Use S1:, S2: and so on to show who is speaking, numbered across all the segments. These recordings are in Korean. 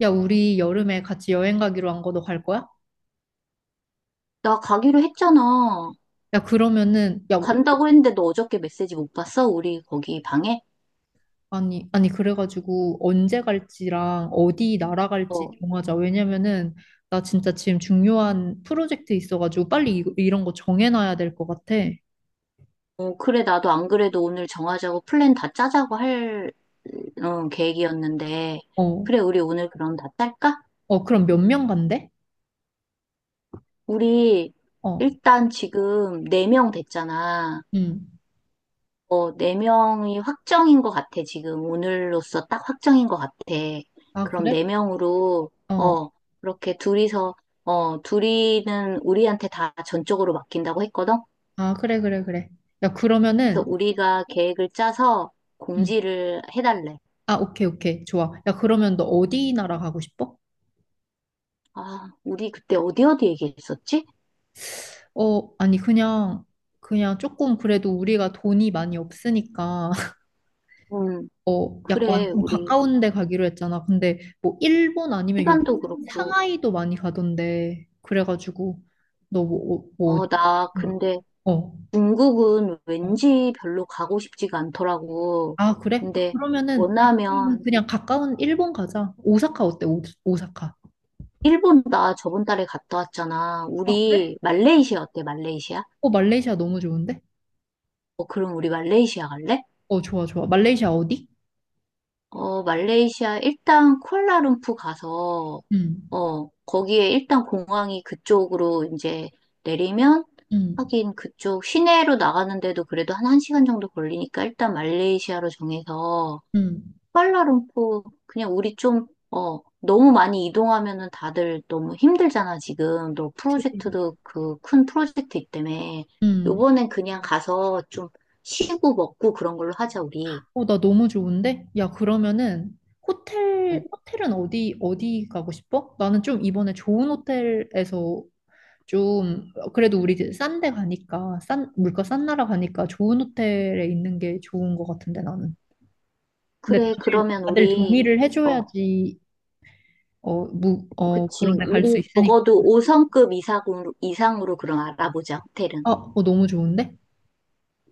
S1: 야, 우리 여름에 같이 여행 가기로 한 거 너 갈 거야?
S2: 나 가기로 했잖아.
S1: 야, 그러면은, 야,
S2: 간다고 했는데 너 어저께 메시지 못 봤어? 우리 거기 방에?
S1: 아니, 아니, 그래가지고 언제 갈지랑 어디 나라 갈지
S2: 어,
S1: 정하자. 왜냐면은, 나 진짜 지금 중요한 프로젝트 있어가지고 빨리 이런 거 정해놔야 될 것 같아.
S2: 그래, 나도 안 그래도 오늘 정하자고 플랜 다 짜자고 할, 계획이었는데.
S1: 어,
S2: 그래, 우리 오늘 그럼 다 짤까?
S1: 어, 그럼 몇 명 간대?
S2: 우리
S1: 어,
S2: 일단 지금 네 명 됐잖아.
S1: 음.
S2: 어, 네명이 확정인 것 같아, 지금. 오늘로써 딱 확정인 것 같아.
S1: 아,
S2: 그럼
S1: 그래?
S2: 네명으로
S1: 어,
S2: 어, 그렇게 둘이서, 둘이는 우리한테 다 전적으로 맡긴다고 했거든?
S1: 아, 그래, 그래, 그래. 야,
S2: 그래서
S1: 그러면은,
S2: 우리가 계획을 짜서
S1: 음.
S2: 공지를 해달래.
S1: 아, 오케이, 오케이. 좋아. 야, 그러면 너 어디 나라 가고 싶어?
S2: 아, 우리 그때 어디 얘기했었지?
S1: 어, 아니, 그냥 조금 그래도 우리가 돈이 많이 없으니까,
S2: 음,
S1: 어, 약간
S2: 그래,
S1: 좀
S2: 우리
S1: 가까운 데 가기로 했잖아. 근데 뭐 일본 아니면 요,
S2: 시간도 그렇고.
S1: 상하이도 많이 가던데, 그래가지고, 너 뭐, 어, 뭐 어디?
S2: 나
S1: 응,
S2: 근데
S1: 어,
S2: 중국은
S1: 어.
S2: 왠지 별로 가고 싶지가 않더라고.
S1: 아, 그래? 아,
S2: 근데
S1: 그러면은, 약간
S2: 원하면
S1: 그냥 가까운 일본 가자. 오사카 어때? 오사카.
S2: 일본 나 저번 달에 갔다 왔잖아.
S1: 아, 그래?
S2: 우리 말레이시아 어때, 말레이시아?
S1: 어, 말레이시아 너무 좋은데?
S2: 어, 그럼 우리 말레이시아 갈래?
S1: 어, 좋아, 좋아. 말레이시아 어디?
S2: 어, 말레이시아 일단 쿠알라룸푸 가서
S1: 응,
S2: 거기에 일단 공항이 그쪽으로 이제 내리면
S1: 응,
S2: 하긴 그쪽 시내로 나가는데도 그래도 한 1시간 정도 걸리니까 일단 말레이시아로 정해서
S1: 응.
S2: 쿠알라룸푸 그냥 우리 좀 너무 많이 이동하면은 다들 너무 힘들잖아, 지금. 너 프로젝트도 그 큰 프로젝트 있다며.
S1: 응.
S2: 요번엔 그냥 가서 좀 쉬고 먹고 그런 걸로 하자, 우리.
S1: 어, 나 너무 좋은데? 야, 그러면은
S2: 음.
S1: 호텔은 어디 어디 가고 싶어? 나는 좀 이번에 좋은 호텔에서 좀 그래도 우리 이제 싼 데 가니까 싼 물가 싼 나라 가니까 좋은 호텔에 있는 게 좋은 것 같은데 나는. 근데
S2: 그래,
S1: 다들,
S2: 그러면
S1: 다들
S2: 우리,
S1: 동의를
S2: 어,
S1: 해줘야지 어, 무, 어 그런
S2: 그치.
S1: 데 갈 수
S2: 우리
S1: 있으니까.
S2: 적어도 5성급 이상으로 그럼 알아보자, 호텔은.
S1: 아, 어, 너무 좋은데?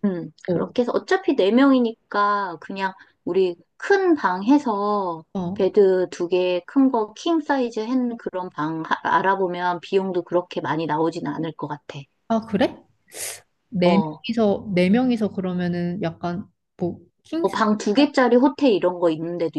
S1: 어,
S2: 그렇게 해서 어차피 4명이니까 그냥 우리 큰 방 해서
S1: 어.
S2: 베드 두 개 큰 거 킹 사이즈 한 그런 방 알아보면 비용도 그렇게 많이 나오진 않을 것 같아.
S1: 아, 그래? 네
S2: 어,
S1: 네 명이서 그러면은 약간 뭐 킹스
S2: 방 두 개짜리 호텔 이런 거 있는 데도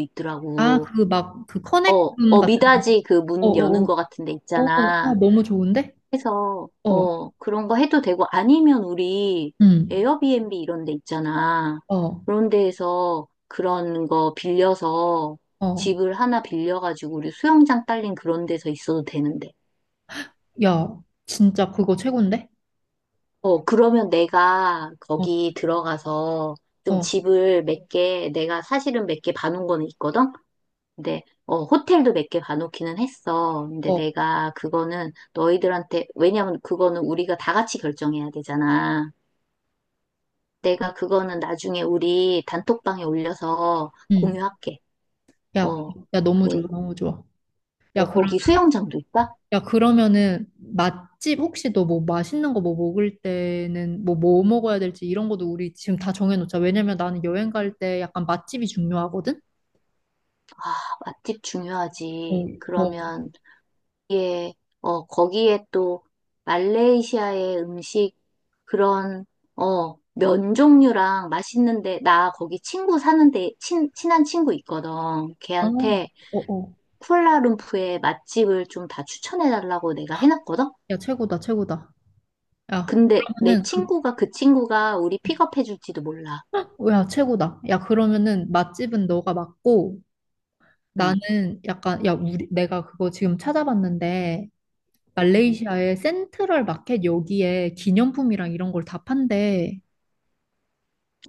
S1: 아,
S2: 있더라고.
S1: 그
S2: 어,
S1: 커넥룸 같은 거.
S2: 미닫이 그 문
S1: 어어어.
S2: 여는 거 같은 데
S1: 아,
S2: 있잖아.
S1: 너무 좋은데?
S2: 해서
S1: 어,
S2: 어 그런 거 해도 되고 아니면 우리
S1: 응,
S2: 에어비앤비 이런 데 있잖아.
S1: 어,
S2: 그런 데에서 그런 거 빌려서
S1: 어.
S2: 집을 하나 빌려가지고 우리 수영장 딸린 그런 데서 있어도 되는데.
S1: 야, 진짜 그거 최고인데?
S2: 어 그러면 내가
S1: 어,
S2: 거기 들어가서 좀
S1: 어,
S2: 집을 몇 개, 내가 사실은 몇 개 봐놓은 거는 있거든? 근데 어 호텔도 몇 개 봐놓기는 했어. 근데
S1: 어,
S2: 내가 그거는 너희들한테 왜냐면 그거는 우리가 다 같이 결정해야 되잖아. 내가 그거는 나중에 우리 단톡방에 올려서
S1: 응.
S2: 공유할게.
S1: 야,
S2: 어,
S1: 야,
S2: 그
S1: 너무 좋아,
S2: 리
S1: 너무 좋아. 야, 그럼,
S2: 거기 수영장도 있다?
S1: 야, 그러면은, 맛집 혹시 너 뭐 맛있는 거 뭐 먹을 때는 뭐 먹어야 될지 이런 것도 우리 지금 다 정해놓자. 왜냐면 나는 여행 갈 때 약간 맛집이 중요하거든?
S2: 아, 맛집
S1: 어,
S2: 중요하지.
S1: 어,
S2: 그러면, 예, 거기에 또 말레이시아의 음식, 그런, 면 종류랑 맛있는데, 나 거기 친구 사는데, 친한 친구 있거든.
S1: 어,
S2: 걔한테
S1: 어, 어.
S2: 쿠알라룸푸의 맛집을 좀 다 추천해달라고 내가 해놨거든?
S1: 야, 최고다, 최고다. 야,
S2: 근데 내
S1: 그러면은 그
S2: 친구가 그 친구가 우리 픽업해줄지도 몰라.
S1: 야, 최고다. 야, 그러면은 맛집은 너가 맞고
S2: 응.
S1: 나는 약간 야, 우리 내가 그거 지금 찾아봤는데 말레이시아의 센트럴 마켓 여기에 기념품이랑 이런 걸 다 판대.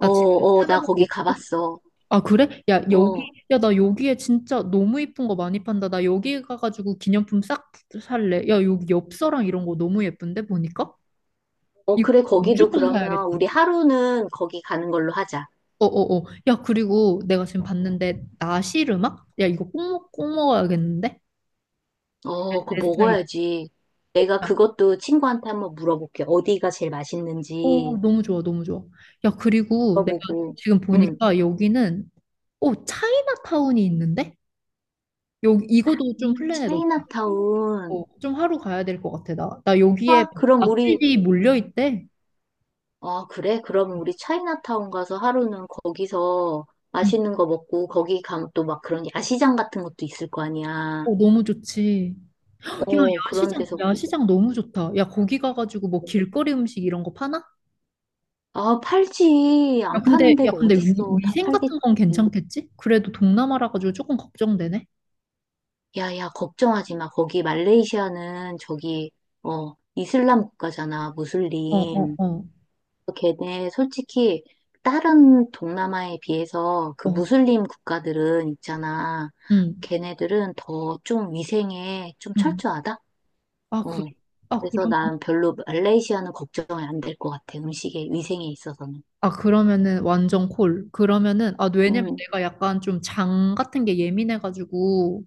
S1: 지금
S2: 나
S1: 찾아보고
S2: 거기
S1: 있고.
S2: 가봤어.
S1: 아, 그래?
S2: 어,
S1: 야, 나 여기에 진짜 너무 이쁜 거 많이 판다. 나 여기 가가지고 기념품 싹 살래. 야, 여기 엽서랑 이런 거 너무 예쁜데 보니까? 이거
S2: 그래, 거기도
S1: 무조건
S2: 그러면 우리
S1: 사야겠다.
S2: 하루는 거기 가는 걸로 하자.
S1: 어어어. 야, 그리고 내가 지금 봤는데, 나시르막? 야, 이거 꼭, 꼭 먹어야겠는데?
S2: 어, 그거
S1: 내 스타일이다.
S2: 먹어야지. 내가 그것도 친구한테 한번 물어볼게. 어디가 제일
S1: 오,
S2: 맛있는지
S1: 너무 좋아, 너무 좋아. 야, 그리고 내가
S2: 물어보고.
S1: 지금
S2: 응.
S1: 보니까 여기는, 오, 차이나타운이 있는데? 여 이거도 좀 플랜에 넣자.
S2: 차이나타운.
S1: 어, 좀 하루 가야 될 것 같아, 나. 나 여기에
S2: 좋아, 그럼 우리
S1: 맛집이 몰려있대.
S2: 아, 그래? 그럼 우리 차이나타운 가서 하루는 거기서
S1: 응.
S2: 맛있는 거 먹고 거기 가면 또 막 그런 야시장 같은 것도 있을 거 아니야.
S1: 어, 너무 좋지. 야,
S2: 그런
S1: 야시장,
S2: 데서 구경하고.
S1: 야시장 너무 좋다. 야, 거기 가가지고 뭐 길거리 음식 이런 거 파나?
S2: 아, 팔지.
S1: 야,
S2: 안
S1: 근데,
S2: 파는
S1: 야,
S2: 데가
S1: 근데
S2: 어딨어. 다
S1: 위생
S2: 팔겠지.
S1: 같은 건 괜찮겠지? 그래도 동남아라 가지고 조금 걱정되네.
S2: 야, 야, 걱정하지 마. 거기 말레이시아는 저기, 이슬람 국가잖아,
S1: 어, 어,
S2: 무슬림.
S1: 어,
S2: 걔네 솔직히 다른 동남아에 비해서 그
S1: 어,
S2: 무슬림 국가들은 있잖아.
S1: 응,
S2: 걔네들은 더 좀 위생에 좀
S1: 응.
S2: 철저하다?
S1: 아, 그,
S2: 어.
S1: 아,
S2: 그래서
S1: 그럼,
S2: 난 별로 말레이시아는 걱정이 안 될 것 같아. 음식에, 위생에 있어서는.
S1: 아, 그러면은 완전 콜. 그러면은, 아, 왜냐면
S2: 음,
S1: 내가 약간 좀 장 같은 게 예민해가지고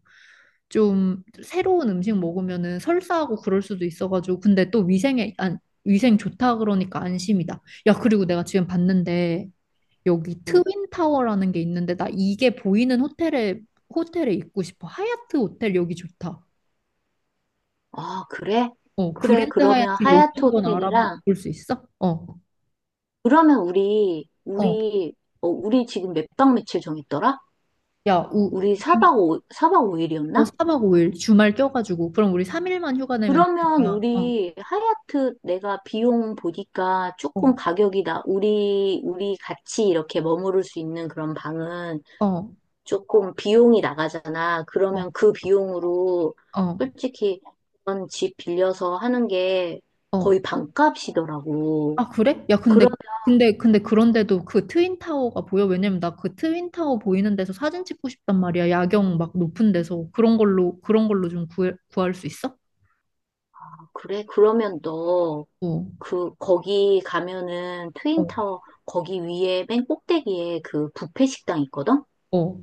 S1: 좀 새로운 음식 먹으면은 설사하고 그럴 수도 있어가지고. 근데 또 위생에, 안, 위생 좋다 그러니까 안심이다. 야, 그리고 내가 지금 봤는데 여기 트윈
S2: 음.
S1: 타워라는 게 있는데 나 이게 보이는 호텔에 있고 싶어. 하얏트 호텔 여기 좋다.
S2: 아, 그래?
S1: 어,
S2: 그래.
S1: 그랜드
S2: 그러면
S1: 하얏트 여기
S2: 하얏트
S1: 한번 알아볼
S2: 호텔이랑,
S1: 수 있어? 어,
S2: 그러면 우리,
S1: 어.
S2: 우리, 어, 우리 지금 몇 박 며칠 정했더라?
S1: 야,
S2: 우리 사
S1: 우리
S2: 박오 4박
S1: 어,
S2: 5일이었나?
S1: 4박 5일 주말 껴가지고 그럼 우리 3일만 휴가 내면
S2: 그러면
S1: 되니까.
S2: 우리 하얏트 내가 비용 보니까
S1: 어,
S2: 조금
S1: 어,
S2: 가격이 우리 같이 이렇게 머무를 수 있는 그런 방은
S1: 어,
S2: 조금 비용이 나가잖아.
S1: 어,
S2: 그러면 그 비용으로
S1: 어.
S2: 솔직히 그런 집 빌려서 하는 게
S1: 어.
S2: 거의 반값이더라고.
S1: 아, 그래? 야, 근데
S2: 그러,
S1: 그런데도 그 트윈 타워가 보여? 왜냐면 나 그 트윈 타워 보이는 데서 사진 찍고 싶단 말이야. 야경 막 높은 데서 그런 걸로 좀 구할 수 있어?
S2: 그래? 그러면 너
S1: 어.
S2: 거기 가면은
S1: 어,
S2: 트윈타워 거기 위에 맨 꼭대기에 그 뷔페 식당 있거든?
S1: 어.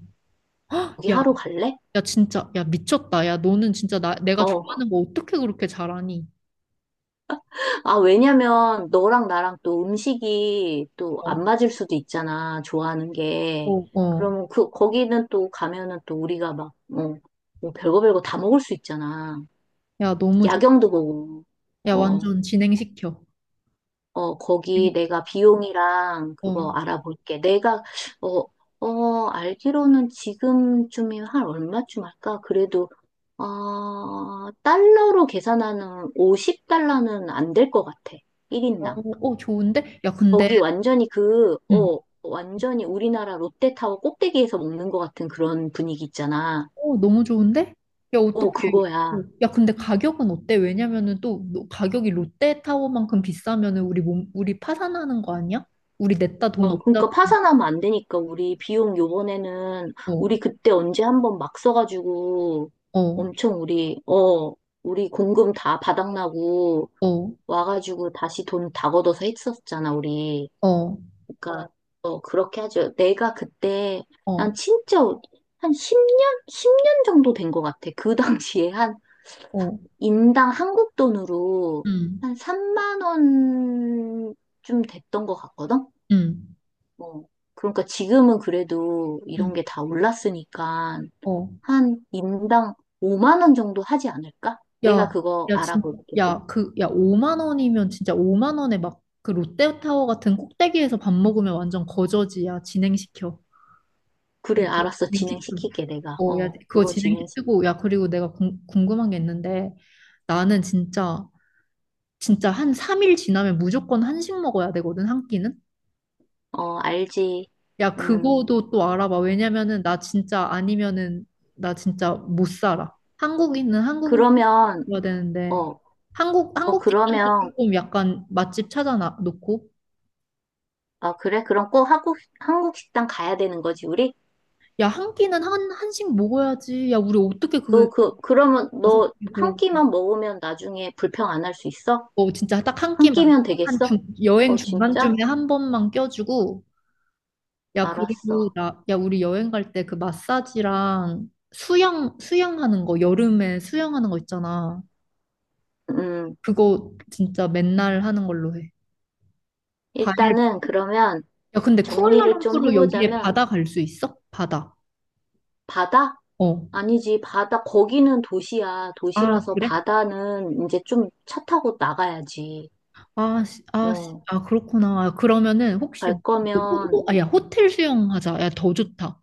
S2: 거기
S1: 야,
S2: 하러 갈래?
S1: 야, 진짜, 야, 미쳤다. 야, 너는 진짜 내가
S2: 어,
S1: 좋아하는 거 어떻게 그렇게 잘하니?
S2: 아, 왜냐면 너랑 나랑 또 음식이 또
S1: 어,
S2: 안 맞을 수도 있잖아, 좋아하는 게.
S1: 어, 어.
S2: 그러면 거기는 또 가면은 또 우리가 막, 뭐 별거 다 먹을 수 있잖아.
S1: 야, 너무 좋,
S2: 야경도 보고,
S1: 야,
S2: 어,
S1: 완전 진행시켜.
S2: 거기
S1: 네.
S2: 내가 비용이랑 그거
S1: 어,
S2: 알아볼게. 내가, 어, 알기로는 지금쯤이면 한 얼마쯤 할까? 그래도, 달러로 계산하는 50달러는 안 될 것 같아.
S1: 어,
S2: 1인당.
S1: 어, 좋은데? 야, 근데,
S2: 거기 완전히
S1: 응.
S2: 완전히 우리나라 롯데타워 꼭대기에서 먹는 것 같은 그런 분위기 있잖아.
S1: 어, 너무 좋은데? 야, 어떻게,
S2: 어, 그거야.
S1: 어. 야, 근데 가격은 어때? 왜냐면은 또 가격이 롯데타워만큼 비싸면은 우리 우리 파산하는 거 아니야? 우리 냈다 돈
S2: 어,
S1: 없잖아.
S2: 그러니까 파산하면 안 되니까 우리 비용 요번에는
S1: 어,
S2: 우리 그때 언제 한번 막 써가지고
S1: 어,
S2: 엄청 우리 공금 다 바닥나고
S1: 어,
S2: 와가지고 다시 돈 다 걷어서 했었잖아, 우리.
S1: 어,
S2: 그러니까, 그렇게 하죠. 내가 그때 난
S1: 어,
S2: 진짜 한 10년? 10년 정도 된 것 같아. 그 당시에 한
S1: 어.
S2: 인당 한국 돈으로
S1: 응,
S2: 한 3만 원쯤 됐던 것 같거든?
S1: 응,
S2: 뭐, 그러니까 지금은 그래도 이런
S1: 응.
S2: 게 다 올랐으니까
S1: 어.
S2: 한 인당 5만 원 정도 하지 않을까? 내가
S1: 야,
S2: 그거
S1: 야, 진짜,
S2: 알아볼게.
S1: 야, 그, 야, 5만 원이면 진짜 5만 원에 막 그 롯데타워 같은 꼭대기에서 밥 먹으면 완전 거저지, 야, 진행시켜. 야,
S2: 그래,
S1: 이거
S2: 알았어.
S1: 진행시켜.
S2: 진행시킬게, 내가.
S1: 어, 야, 그거 진행시키고, 야, 그리고 내가 궁금한 게 있는데, 나는 진짜, 진짜 한 3일 지나면 무조건 한식 먹어야 되거든, 한 끼는?
S2: 알지.
S1: 야,
S2: 음,
S1: 그거도 또 알아봐. 왜냐면은, 나 진짜 아니면은, 나 진짜 못 살아. 한국인은 한국
S2: 그러면,
S1: 먹어야 되는데
S2: 어, 어,
S1: 한국 식당도
S2: 그러면,
S1: 조금 약간 맛집 찾아놔 놓고
S2: 아, 그래? 그럼 꼭 한국, 한국 식당 가야 되는 거지, 우리?
S1: 야 한 끼는 한 한식 먹어야지 야 우리 어떻게 그
S2: 너 그러면
S1: 다섯
S2: 너
S1: 끼
S2: 한
S1: 그러고
S2: 끼만 먹으면 나중에 불평 안 할 수 있어?
S1: 뭐 진짜 딱 한
S2: 한
S1: 끼만
S2: 끼면
S1: 한
S2: 되겠어?
S1: 중, 여행
S2: 어, 진짜?
S1: 중간쯤에 한 번만 껴주고 야
S2: 알았어.
S1: 그리고 나 야 우리 여행 갈 때 그 마사지랑 수영하는 거 여름에 수영하는 거 있잖아
S2: 음,
S1: 그거 진짜 맨날 하는 걸로 해 과일
S2: 일단은
S1: 먹고.
S2: 그러면
S1: 야 근데
S2: 정리를 좀
S1: 쿠알라룸푸르 여기에
S2: 해보자면,
S1: 바다 갈 수 있어? 바다
S2: 바다?
S1: 어
S2: 아니지, 바다, 거기는 도시야.
S1: 아,
S2: 도시라서
S1: 그래?
S2: 바다는 이제 좀 차 타고 나가야지. 어,
S1: 아, 그렇구나. 아, 그러면은 혹시
S2: 갈 거면
S1: 아, 야, 호텔 수영 하자. 야, 더 좋다.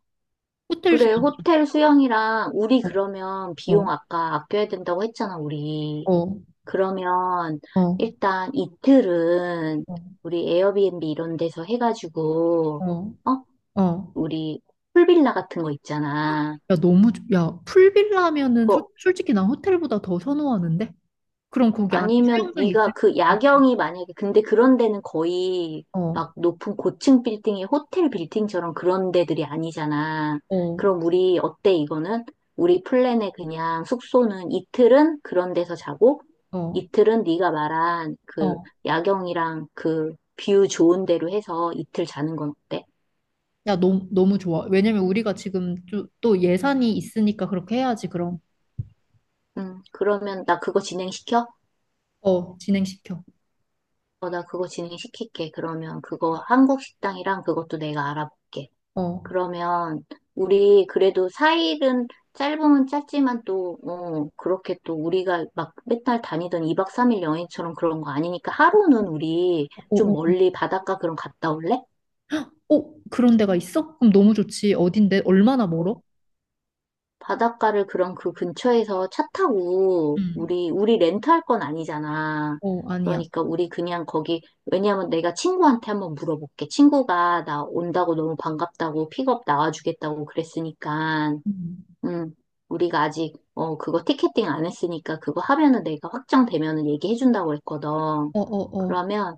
S1: 호텔
S2: 그래,
S1: 수영.
S2: 호텔 수영이랑 우리
S1: 어,
S2: 그러면 비용
S1: 어,
S2: 아까 아껴야 된다고 했잖아, 우리.
S1: 어,
S2: 그러면
S1: 어,
S2: 일단 이틀은
S1: 어,
S2: 우리 에어비앤비 이런 데서 해가지고,
S1: 어.
S2: 어?
S1: 어.
S2: 우리 풀빌라 같은 거 있잖아.
S1: 야, 야, 풀빌라면은
S2: 그거
S1: 솔직히 난 호텔보다 더 선호하는데. 그럼 거기 안에
S2: 아니면
S1: 수영장
S2: 네가
S1: 있을
S2: 그
S1: 거야.
S2: 야경이 만약에 근데 그런 데는 거의
S1: 어,
S2: 막 높은 고층 빌딩의 호텔 빌딩처럼 그런 데들이 아니잖아.
S1: 어,
S2: 그럼 우리 어때 이거는? 우리 플랜에 그냥 숙소는 이틀은 그런 데서 자고
S1: 어,
S2: 이틀은 네가 말한 그
S1: 어.
S2: 야경이랑 그 뷰 좋은 데로 해서 이틀 자는 건 어때?
S1: 야, 너무 너무 좋아. 왜냐면 우리가 지금 또, 또 예산이 있으니까 그렇게 해야지. 그럼
S2: 그러면 나 그거 진행시켜?
S1: 어, 진행시켜.
S2: 어, 나 그거 진행시킬게. 그러면 그거 한국 식당이랑 그것도 내가 알아볼게.
S1: 어, 어,
S2: 그러면 우리 그래도 사일은 짧으면 짧지만 또, 그렇게 또 우리가 막 맨날 다니던 2박 3일 여행처럼 그런 거 아니니까 하루는 우리 좀
S1: 어.
S2: 멀리 바닷가 그런 갔다 올래?
S1: 어, 그런 데가 있어? 그럼 너무 좋지. 어딘데? 얼마나
S2: 어,
S1: 멀어?
S2: 바닷가를 그런 그 근처에서 차 타고
S1: 음.
S2: 우리 렌트할 건 아니잖아.
S1: 어, 아니야.
S2: 그러니까 우리 그냥 거기, 왜냐면 내가 친구한테 한번 물어볼게. 친구가 나 온다고 너무 반갑다고 픽업 나와주겠다고 그랬으니까.
S1: 음.
S2: 음, 우리가 아직, 그거 티켓팅 안 했으니까 그거 하면은 내가 확정되면은 얘기해준다고 했거든.
S1: 어, 어, 어.
S2: 그러면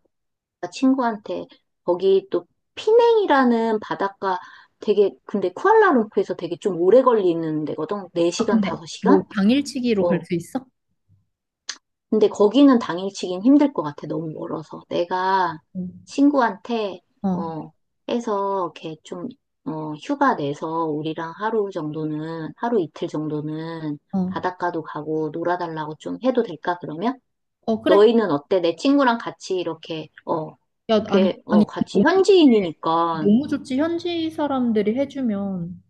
S2: 나 친구한테 거기 또 피냉이라는 바닷가 되게, 근데 쿠알라룸푸르에서 되게 좀 오래 걸리는 데거든.
S1: 아,
S2: 4시간,
S1: 근데
S2: 5시간?
S1: 뭐 당일치기로 갈
S2: 어,
S1: 수 있어?
S2: 근데 거기는 당일치기는 힘들 것 같아. 너무 멀어서. 내가
S1: 음.
S2: 친구한테,
S1: 어,
S2: 어, 해서 이렇게 좀, 휴가 내서 우리랑 하루 정도는, 하루 이틀 정도는
S1: 어.
S2: 바닷가도 가고 놀아달라고 좀 해도 될까, 그러면?
S1: 어, 그래.
S2: 너희는 어때? 내 친구랑 같이 이렇게,
S1: 야, 아니, 아니,
S2: 같이
S1: 너무,
S2: 현지인이니까
S1: 너무 좋지. 현지 사람들이 해주면.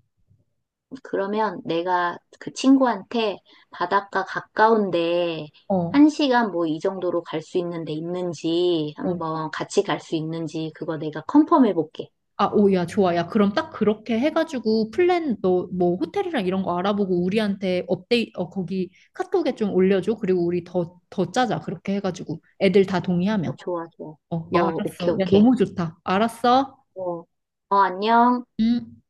S2: 그러면 내가 그 친구한테 바닷가 가까운데
S1: 어,
S2: 한 시간 뭐 이 정도로 갈 수 있는데 있는지
S1: 어.
S2: 한번 같이 갈 수 있는지 그거 내가 컨펌 해볼게.
S1: 아, 오, 야, 좋아. 야, 그럼 딱 그렇게 해가지고 플랜, 너, 뭐, 호텔이랑 이런 거 알아보고 우리한테 어, 거기 카톡에 좀 올려줘. 그리고 우리 더, 더 짜자. 그렇게 해가지고. 애들 다
S2: 어,
S1: 동의하면.
S2: 좋아, 좋아.
S1: 어,
S2: 어,
S1: 야,
S2: 오케이,
S1: 알았어. 야,
S2: 오케이.
S1: 너무 좋다. 알았어?
S2: 어, 안녕.
S1: 응?